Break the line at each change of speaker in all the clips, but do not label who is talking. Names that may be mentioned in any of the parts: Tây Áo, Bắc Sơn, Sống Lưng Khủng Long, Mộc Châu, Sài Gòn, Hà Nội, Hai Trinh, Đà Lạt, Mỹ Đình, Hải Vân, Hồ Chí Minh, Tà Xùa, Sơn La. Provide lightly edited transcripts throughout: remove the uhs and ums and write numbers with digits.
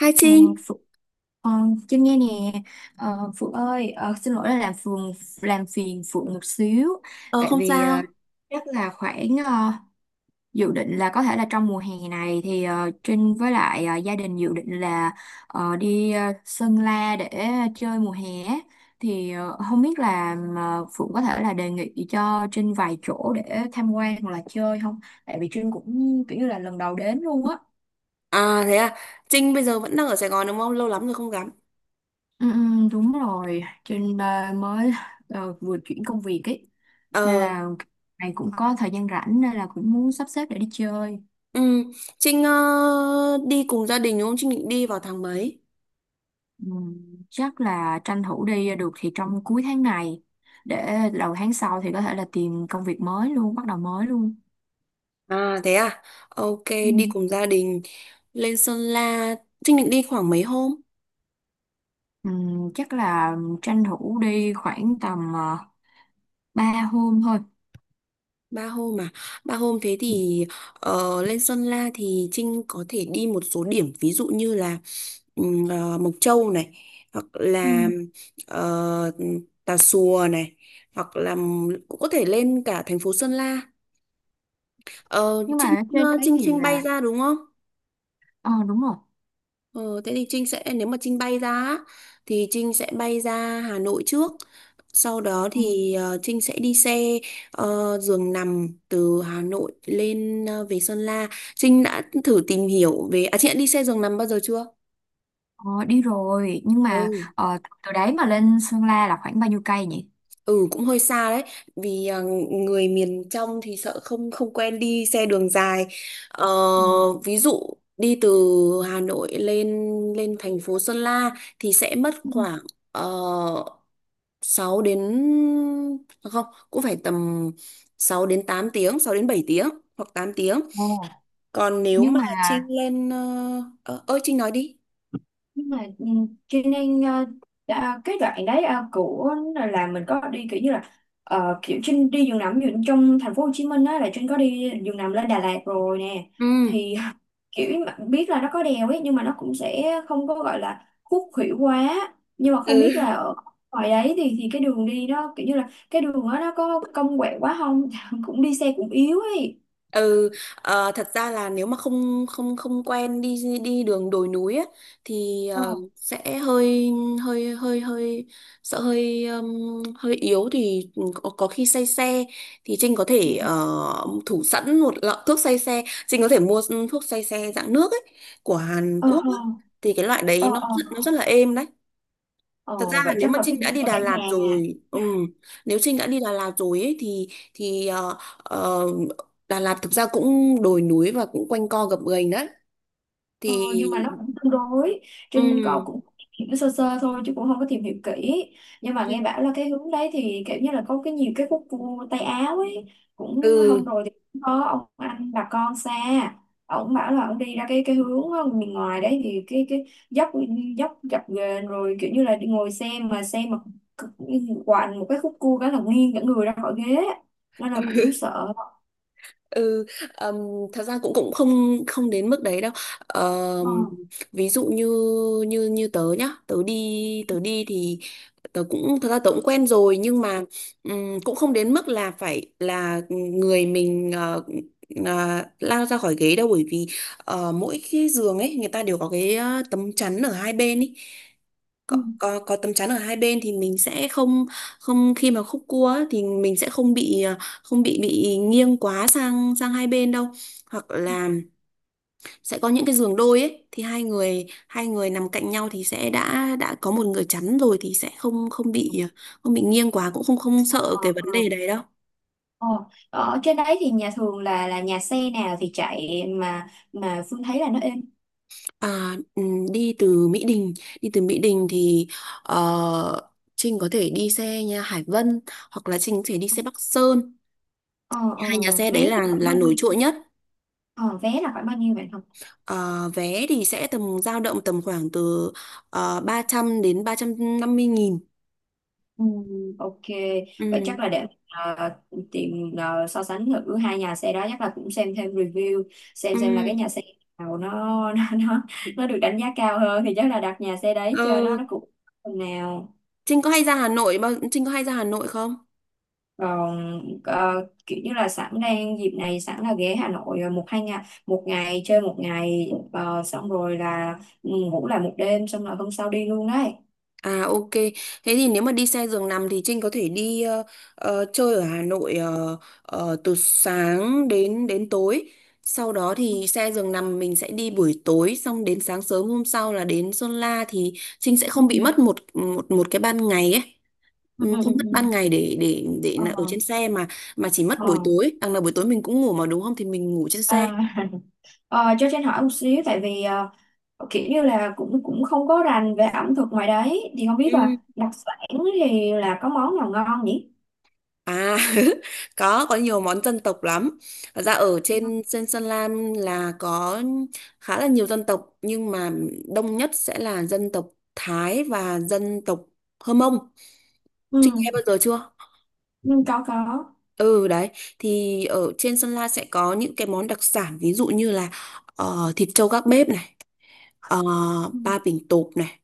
Hai
Ờ,
Trinh,
Phượng, ờ, Trinh nghe nè. Ờ, Phượng ơi, xin lỗi là làm phiền Phượng một xíu.
ờ
Tại
không
vì
sao.
chắc là khoảng dự định là có thể là trong mùa hè này thì Trinh với lại gia đình dự định là đi Sơn La để chơi mùa hè á. Thì không biết là Phượng có thể là đề nghị cho Trinh vài chỗ để tham quan hoặc là chơi không, tại vì Trinh cũng kiểu như là lần đầu đến luôn á.
À thế à, Trinh bây giờ vẫn đang ở Sài Gòn đúng không? Lâu lắm rồi không gặp.
Ừ, ừ, đúng rồi, trên mới vừa chuyển công việc ấy, nên
Ờ,
là này cũng có thời gian rảnh nên là cũng muốn sắp xếp để đi chơi.
ừ, Trinh đi cùng gia đình đúng không? Trinh định đi vào tháng mấy?
Ừ, chắc là tranh thủ đi được thì trong cuối tháng này, để đầu tháng sau thì có thể là tìm công việc mới luôn, bắt đầu mới luôn.
À thế à, ok,
Ừ.
đi cùng gia đình lên Sơn La. Trinh định đi khoảng mấy hôm?
Ừ, chắc là tranh thủ đi khoảng tầm 3 hôm thôi.
3 hôm à? Ba hôm thế thì lên Sơn La thì Trinh có thể đi một số điểm ví dụ như là Mộc Châu này, hoặc
Ừ.
là ờ, Tà Xùa này, hoặc là cũng có thể lên cả thành phố Sơn La. Ờ,
Nhưng mà
Trinh
ở trên
ờ,
đấy
Trinh
thì
Trinh bay
là,
ra đúng không?
ờ đúng rồi.
Ờ, Thế thì Trinh sẽ, nếu mà Trinh bay ra á, thì Trinh sẽ bay ra Hà Nội trước, sau đó
Ừ.
thì Trinh sẽ đi xe giường nằm từ Hà Nội lên về Sơn La. Trinh đã thử tìm hiểu về chị đã đi xe giường nằm bao giờ chưa?
Ờ, đi rồi nhưng mà từ đấy mà lên Sơn La là khoảng bao nhiêu cây nhỉ?
Ừ, cũng hơi xa đấy, vì người miền trong thì sợ không không quen đi xe đường dài. ờ,
Ừ.
Ví dụ đi từ Hà Nội lên lên thành phố Sơn La thì sẽ mất
Ừ.
khoảng uh, 6 tiếng đến không, cũng phải tầm 6 đến 8 tiếng, 6 đến 7 tiếng hoặc 8 tiếng.
Ồ.
Còn nếu
Nhưng
mà
mà
Trinh lên ơi Trinh nói đi.
nhưng mà ừ, cho nên cái đoạn đấy của là mình có đi kiểu như là kiểu Trinh đi giường nằm, ví dụ trong thành phố Hồ Chí Minh á, là Trinh có đi giường nằm lên Đà Lạt rồi nè,
Ừ.
thì kiểu mà biết là nó có đèo ấy, nhưng mà nó cũng sẽ không có gọi là khúc khuỷu quá, nhưng mà không biết là
ừ.
ở ngoài đấy thì cái đường đi nó kiểu như là cái đường đó nó có cong quẹo quá không, cũng đi xe cũng yếu ấy.
Ừ, thật ra là nếu mà không không không quen đi đi đường đồi núi á, thì
Ờ
sẽ hơi hơi hơi hơi sợ, hơi hơi yếu thì có khi say xe. Thì Trinh có
Ừ.
thể thủ sẵn một lọ thuốc say xe, Trinh có thể mua thuốc say xe dạng nước ấy của Hàn
ờ
Quốc
ờ
á. Thì cái loại đấy
ờ
nó
ờ
nó rất là êm đấy. Thật ra
Ờ,
là
vậy
nếu
chắc
mà
là phải
Trinh đã đi
mua
Đà
cả nhà
Lạt
à.
rồi, nếu Trinh đã đi Đà Lạt rồi ấy, thì Đà Lạt thực ra cũng đồi núi và cũng quanh co gập ghềnh đấy.
Ờ,
Thì
nhưng mà nó cũng tương đối. Trinh có
ừm,
cũng hiểu sơ sơ thôi chứ cũng không có tìm hiểu kỹ, nhưng mà nghe
ừm,
bảo là cái hướng đấy thì kiểu như là có nhiều cái khúc cua Tây Áo ấy. Cũng hôm
ừ.
rồi thì cũng có ông anh bà con xa, ông bảo là ông đi ra cái hướng miền ngoài đấy thì cái dốc, dập ghềnh, rồi kiểu như là đi ngồi xe mà quằn một cái khúc cua cái là nghiêng cả người ra khỏi ghế, nên là cũng sợ.
Ừ, ừm, thật ra cũng cũng không không đến mức đấy đâu.
Ờ.
Ờm, Ví dụ như như như tớ nhá, tớ đi thì tớ cũng, thật ra tớ cũng quen rồi, nhưng mà cũng không đến mức là phải là người mình lao ra khỏi ghế đâu, bởi vì mỗi cái giường ấy người ta đều có cái tấm chắn ở hai bên ý. có,
Ừ.
có có tấm chắn ở hai bên thì mình sẽ không không, khi mà khúc cua á, thì mình sẽ không bị không bị nghiêng quá sang sang hai bên đâu. Hoặc là sẽ có những cái giường đôi ấy, thì hai người nằm cạnh nhau thì sẽ đã có một người chắn rồi, thì sẽ không không bị không bị nghiêng quá, cũng không không sợ
Ờ,
cái vấn
ờ.
đề đấy đâu.
Ờ, ờ, ở trên đấy thì nhà thường là nhà xe nào thì chạy mà Phương thấy là nó êm.
À, đi từ Mỹ Đình đi từ Mỹ Đình thì ờ, Trinh có thể đi xe nha Hải Vân, hoặc là Trinh có thể đi xe Bắc Sơn.
Ờ, ờ,
Hai nhà xe
vé
đấy là
thì khoảng
là
bao
nổi
nhiêu?
trội nhất.
Ờ, vé là khoảng bao nhiêu vậy không?
Ờ, Vé thì sẽ tầm, dao động tầm khoảng từ 300 đến 350 nghìn.
Ừ, ok, vậy chắc
Ừ.
là để tìm so sánh thử hai nhà xe đó, chắc là cũng xem thêm review,
Ừ.
xem là cái nhà xe nào nó nó nó, nó được đánh giá cao hơn thì chắc là đặt nhà xe đấy
Ờ,
cho nó cũng phần nào.
Trinh có hay ra Hà Nội Trinh có hay ra Hà Nội không?
Còn kiểu như là sẵn đang dịp này sẵn là ghé Hà Nội một hai ngày, một ngày chơi, một ngày xong rồi là ừ, ngủ lại một đêm xong rồi hôm sau đi luôn đấy.
À ok, thế thì nếu mà đi xe giường nằm thì Trinh có thể đi chơi ở Hà Nội từ sáng đến đến tối. Sau đó thì xe giường nằm mình sẽ đi buổi tối, xong đến sáng sớm hôm sau là đến Sơn La, thì Trinh sẽ
Ừ.
không bị mất một một một cái ban ngày ấy.
Ừ.
Ừ,
Ừ.
không
ừ,
mất
ừ.
ban ngày để
Ờ,
là ở trên xe, mà chỉ mất buổi
ờ.
tối, đằng nào buổi tối mình cũng ngủ mà đúng không, thì mình ngủ trên xe.
à, cho Trinh hỏi một xíu, tại vì kiểu như là cũng cũng không có rành về ẩm thực ngoài đấy, thì không biết là
Ừ.
đặc sản thì là có món nào ngon nhỉ?
À, có nhiều món dân tộc lắm. Thật ra ở
Ừ.
trên trên Sơn La là có khá là nhiều dân tộc, nhưng mà đông nhất sẽ là dân tộc Thái và dân tộc Hơ Mông. Trinh nghe
ừ,
bao giờ chưa?
ừ có có.
Ừ đấy, thì ở trên Sơn La sẽ có những cái món đặc sản, ví dụ như là thịt trâu gác bếp này, ờ,
Ừ.
ba bình tộp này,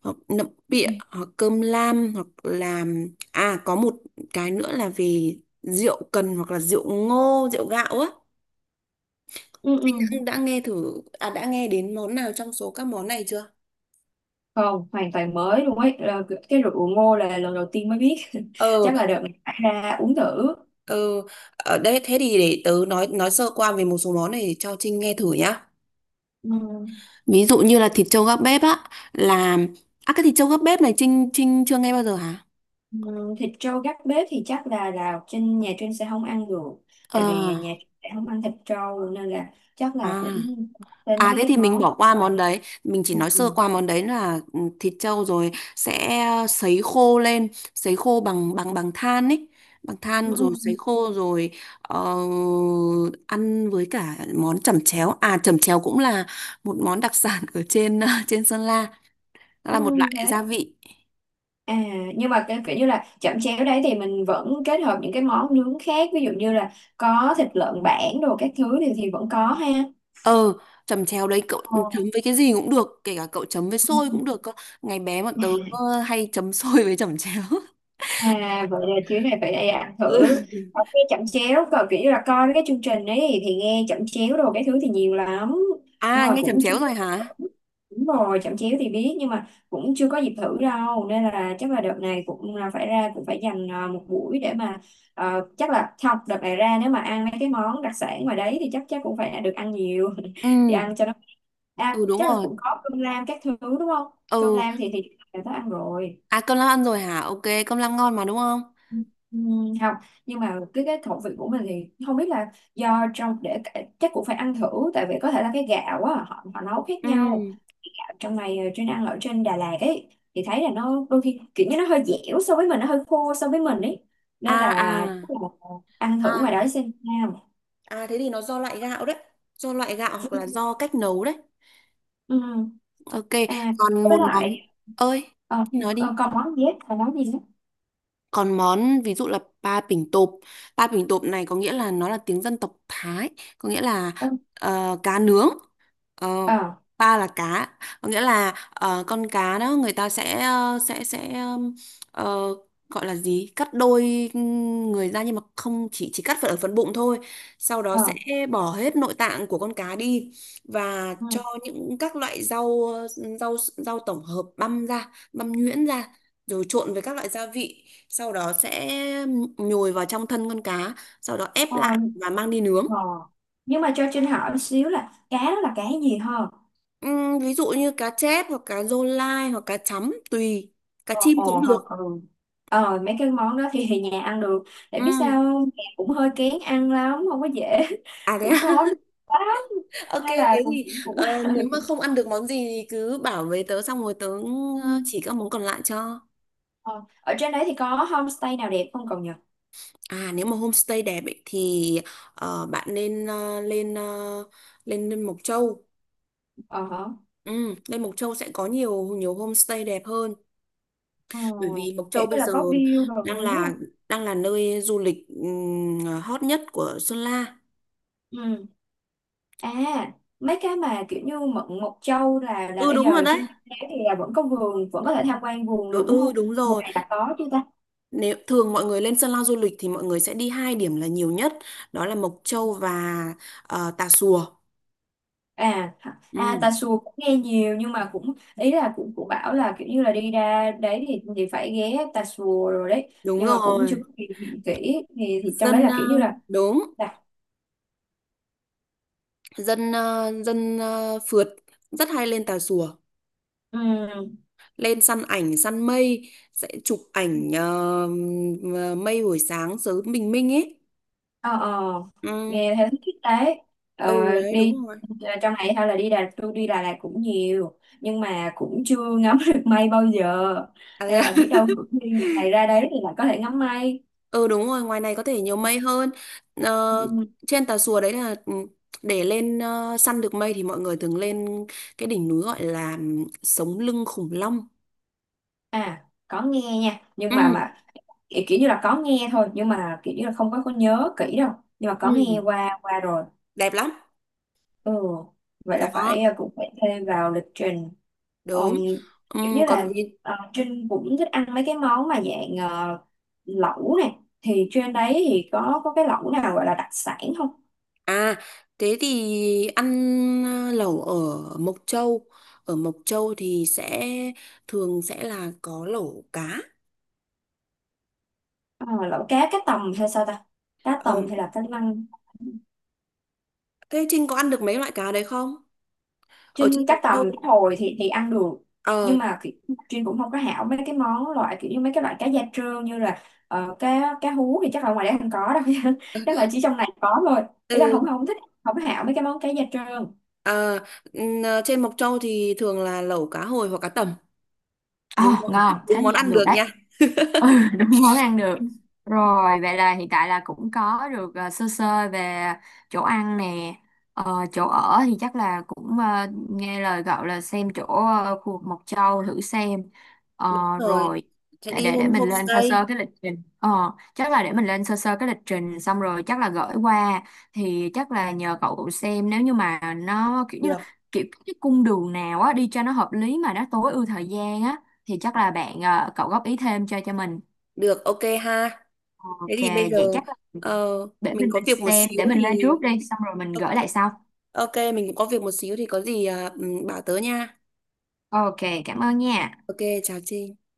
hoặc nậm bịa,
Ừ.
hoặc cơm lam, hoặc là có một cái nữa là về rượu cần, hoặc là rượu ngô, rượu gạo á.
ừ, ừ.
Anh đã nghe đến món nào trong số các món này chưa?
Không, hoàn toàn mới luôn ấy. Ờ, cái rượu ngô là lần đầu tiên mới biết.
ờ
Chắc là đợt này phải ra uống thử.
ờ Ở đây thế thì để tớ nói sơ qua về một số món này để cho Trinh nghe thử nhá.
Ừm,
Ví dụ như là thịt trâu gác bếp á, là cái thịt trâu gác bếp này Trinh Trinh chưa nghe bao giờ hả?
Thịt trâu gác bếp thì chắc là trên nhà Trinh sẽ không ăn được.
ờ
Tại vì nhà Trinh sẽ không ăn thịt trâu nên là chắc là
à
cũng đến
À
mấy
thế
cái
thì mình
món.
bỏ qua
Rồi.
món đấy, mình chỉ nói sơ
Ừm,
qua món đấy là thịt trâu rồi sẽ sấy khô lên, sấy khô bằng bằng bằng than ấy, bằng than rồi sấy
ừm,
khô rồi ờ, ăn với cả món chẩm chéo. À, chẩm chéo cũng là một món đặc sản ở trên trên Sơn La, nó là một
ừm,
loại gia
thế.
vị.
À, nhưng mà cái kiểu như là chẩm chéo đấy thì mình vẫn kết hợp những cái món nướng khác, ví dụ như là có thịt lợn bản đồ các thứ thì vẫn có ha.
Ờ, chẩm chéo đấy cậu
Ờ.
chấm với cái gì cũng được, kể cả cậu chấm với xôi cũng được cơ. Ngày bé bọn tớ hay chấm xôi với chẩm chéo.
À vậy là chuyến này phải đi ăn thử.
Ừ.
Ở nghe chẩm chéo còn kiểu như là coi mấy cái chương trình ấy thì nghe chẩm chéo đồ cái thứ thì nhiều lắm, nhưng
À,
mà
nghe chẩm
cũng chưa.
chéo rồi hả?
Đúng rồi, chẩm chéo thì biết nhưng mà cũng chưa có dịp thử đâu, nên là chắc là đợt này cũng là phải ra, cũng phải dành à, một buổi để mà chắc là không, đợt này ra nếu mà ăn mấy cái món đặc sản ngoài đấy thì chắc chắc cũng phải được ăn nhiều thì
Ừ,
ăn cho nó à,
ừ, đúng
chắc là
rồi.
cũng có cơm lam các thứ đúng không. Cơm
Ừ,
lam thì đã có ăn rồi.
à, cơm lam ăn rồi hả? Ok, cơm lam ngon mà đúng không?
Ừ, không, nhưng mà cái khẩu vị của mình thì không biết là do trong để chắc cũng phải ăn thử, tại vì có thể là cái gạo á họ họ nấu khác
Ừ.
nhau, trong này trên ăn ở trên Đà Lạt ấy thì thấy là nó đôi khi kiểu như nó hơi dẻo so với mình, nó hơi khô so với mình ấy,
À,
nên
à.
là ăn thử
À,
ngoài đó xem sao.
à thế thì nó do loại gạo đấy. Do loại gạo hoặc là do cách nấu đấy.
Ừ.
Ok,
à
còn
với
một món.
lại
Ơi, thì nói đi.
còn món dép là món gì nữa.
Còn món ví dụ là pa pỉnh tộp này có nghĩa là, nó là tiếng dân tộc Thái, có nghĩa là
Ừ.
cá nướng. Ờ,
ờ
pa là cá, có nghĩa là con cá đó người ta sẽ ờ, gọi là gì? Cắt đôi người ra nhưng mà không chỉ cắt ở phần bụng thôi. Sau đó
ờ
sẽ bỏ hết nội tạng của con cá đi, và cho
ừ.
những các loại rau rau rau tổng hợp băm ra, băm nhuyễn ra, rồi trộn với các loại gia vị, sau đó sẽ nhồi vào trong thân con cá, sau đó ép
ờ,
lại và mang đi nướng.
ờ. Nhưng mà cho Trinh hỏi một xíu là cá đó là cá gì hả?
Ví dụ như cá chép, hoặc cá rô lai, hoặc cá chấm, tùy, cá
Ồ,
chim cũng
ồ không
được.
ừ. Ờ mấy cái món đó thì, nhà ăn được. Để biết
Ừm.
sao không? Nhà cũng hơi kén ăn lắm, không có dễ.
À thế
Cũng
à?
khó nuôi lắm.
Ok,
Nên là
thế thì
cũng...
nếu mà không ăn được món gì thì cứ bảo với tớ, xong rồi tớ
Ừ.
chỉ các món còn lại cho.
Ờ, ở trên đấy thì có homestay nào đẹp không cậu nhỉ?
À, nếu mà homestay đẹp ấy, thì bạn nên ờ, lên lên Mộc Châu.
Ờ hả.
Lên Mộc Châu sẽ có nhiều nhiều homestay đẹp hơn,
Ờ,
bởi vì Mộc
kiểu
Châu
như
bây
là
giờ
có view đồi
đang
núi
là
không?
đang là nơi du lịch hot nhất của Sơn La.
Ừ. À mấy cái mà kiểu như Mận Mộc Châu là
Ừ,
bây
đúng rồi
giờ
đấy.
trên đấy thì là vẫn có vườn, vẫn có thể tham quan vườn
Ừ,
được đúng
ừ,
không?
đúng
Mùa
rồi.
này là có chứ ta?
Nếu thường mọi người lên Sơn La du lịch thì mọi người sẽ đi hai điểm là nhiều nhất, đó là Mộc Châu và Tà Xùa.
À hả? À
Ừ,
Tà Xùa cũng nghe nhiều, nhưng mà cũng ý là cũng cũng bảo là kiểu như là đi ra đấy thì phải ghé Tà Xùa rồi đấy,
đúng
nhưng mà cũng chưa có
rồi.
tìm hiểu kỹ, thì trong đấy
dân
là
ờ,
kiểu như
đúng
là
dân ờ, dân ờ, phượt rất hay lên Tà Xùa.
ừm,
Lên săn ảnh, săn mây, sẽ chụp ảnh mây buổi sáng sớm, bình minh ấy.
ờ
Ừ.
nghe thấy thích đấy. Ờ,
Ừ đấy,
đi
đúng rồi.
à, trong này hay là đi Đà tôi đi Đà Lạt cũng nhiều nhưng mà cũng chưa ngắm được mây bao giờ,
À, thế
nên
à?
là biết đâu cũng đi ngày ra đấy thì lại có thể ngắm mây.
Ừ, đúng rồi, ngoài này có thể nhiều mây hơn. Ờ,
Ừ.
trên Tà Xùa đấy là, để lên săn được mây thì mọi người thường lên cái đỉnh núi gọi là Sống Lưng Khủng Long.
À có nghe nha, nhưng
Ừ,
mà kiểu, kiểu như là có nghe thôi, nhưng mà kiểu như là không có nhớ kỹ đâu, nhưng mà có nghe
ừ,
qua qua rồi.
đẹp lắm.
Ừ vậy là phải
Đó,
à, cũng phải thêm vào lịch trình.
đúng.
Ừm,
Ừ,
kiểu như là
còn gì?
Trinh cũng thích ăn mấy cái món mà dạng lẩu nè, thì trên đấy thì có cái lẩu nào gọi là đặc sản không?
À, thế thì ăn lẩu ở Mộc Châu. Ở Mộc Châu thì sẽ, thường sẽ là có lẩu cá.
Ờ, lẩu cá, cá tầm hay sao ta, cá
Ờ,
tầm hay là cá lăng.
thế Trinh có ăn được mấy loại cá đấy không? Ở
Trinh
trên
các
Mộc
tầm
Châu
cá hồi thì ăn được,
Ờ,
nhưng mà kiểu, Trinh cũng không có hảo mấy cái món loại kiểu như mấy cái loại cá da trơn như là cá cá hú thì chắc là ngoài đấy không có đâu, chắc là chỉ trong này có thôi, ý là không
ừ,
không thích, không có hảo mấy cái món cá da trơn.
ờ, trên Mộc Châu thì thường là lẩu cá hồi hoặc cá tầm.
Ờ
Đúng không?
ngon, thế
Đúng
thì
món
ăn
ăn được
được đấy.
nha.
Ừ đúng món ăn được. Rồi vậy là hiện tại là cũng có được sơ sơ về chỗ ăn nè. Ờ, chỗ ở thì chắc là cũng nghe lời cậu là xem chỗ khu vực Mộc Châu thử xem. Ờ,
Đúng rồi.
rồi
Sẽ đi
để
home
mình lên sơ
homestay.
sơ cái lịch trình. Ờ, chắc là để mình lên sơ sơ cái lịch trình xong rồi chắc là gửi qua, thì chắc là nhờ cậu xem nếu như mà nó kiểu như là
Được.
kiểu cái cung đường nào á đi cho nó hợp lý mà nó tối ưu thời gian á, thì chắc là cậu góp ý thêm cho mình.
Được, ok ha. Thế
Ok
thì bây
vậy
giờ
chắc là
ờ,
để
mình có
mình
việc một
xem
xíu
để mình
thì
lên trước đi xong rồi mình
ok.
gửi lại sau.
Ok, mình cũng có việc một xíu thì có gì bảo tớ nha.
Ok cảm ơn nha.
Ok, chào Trinh.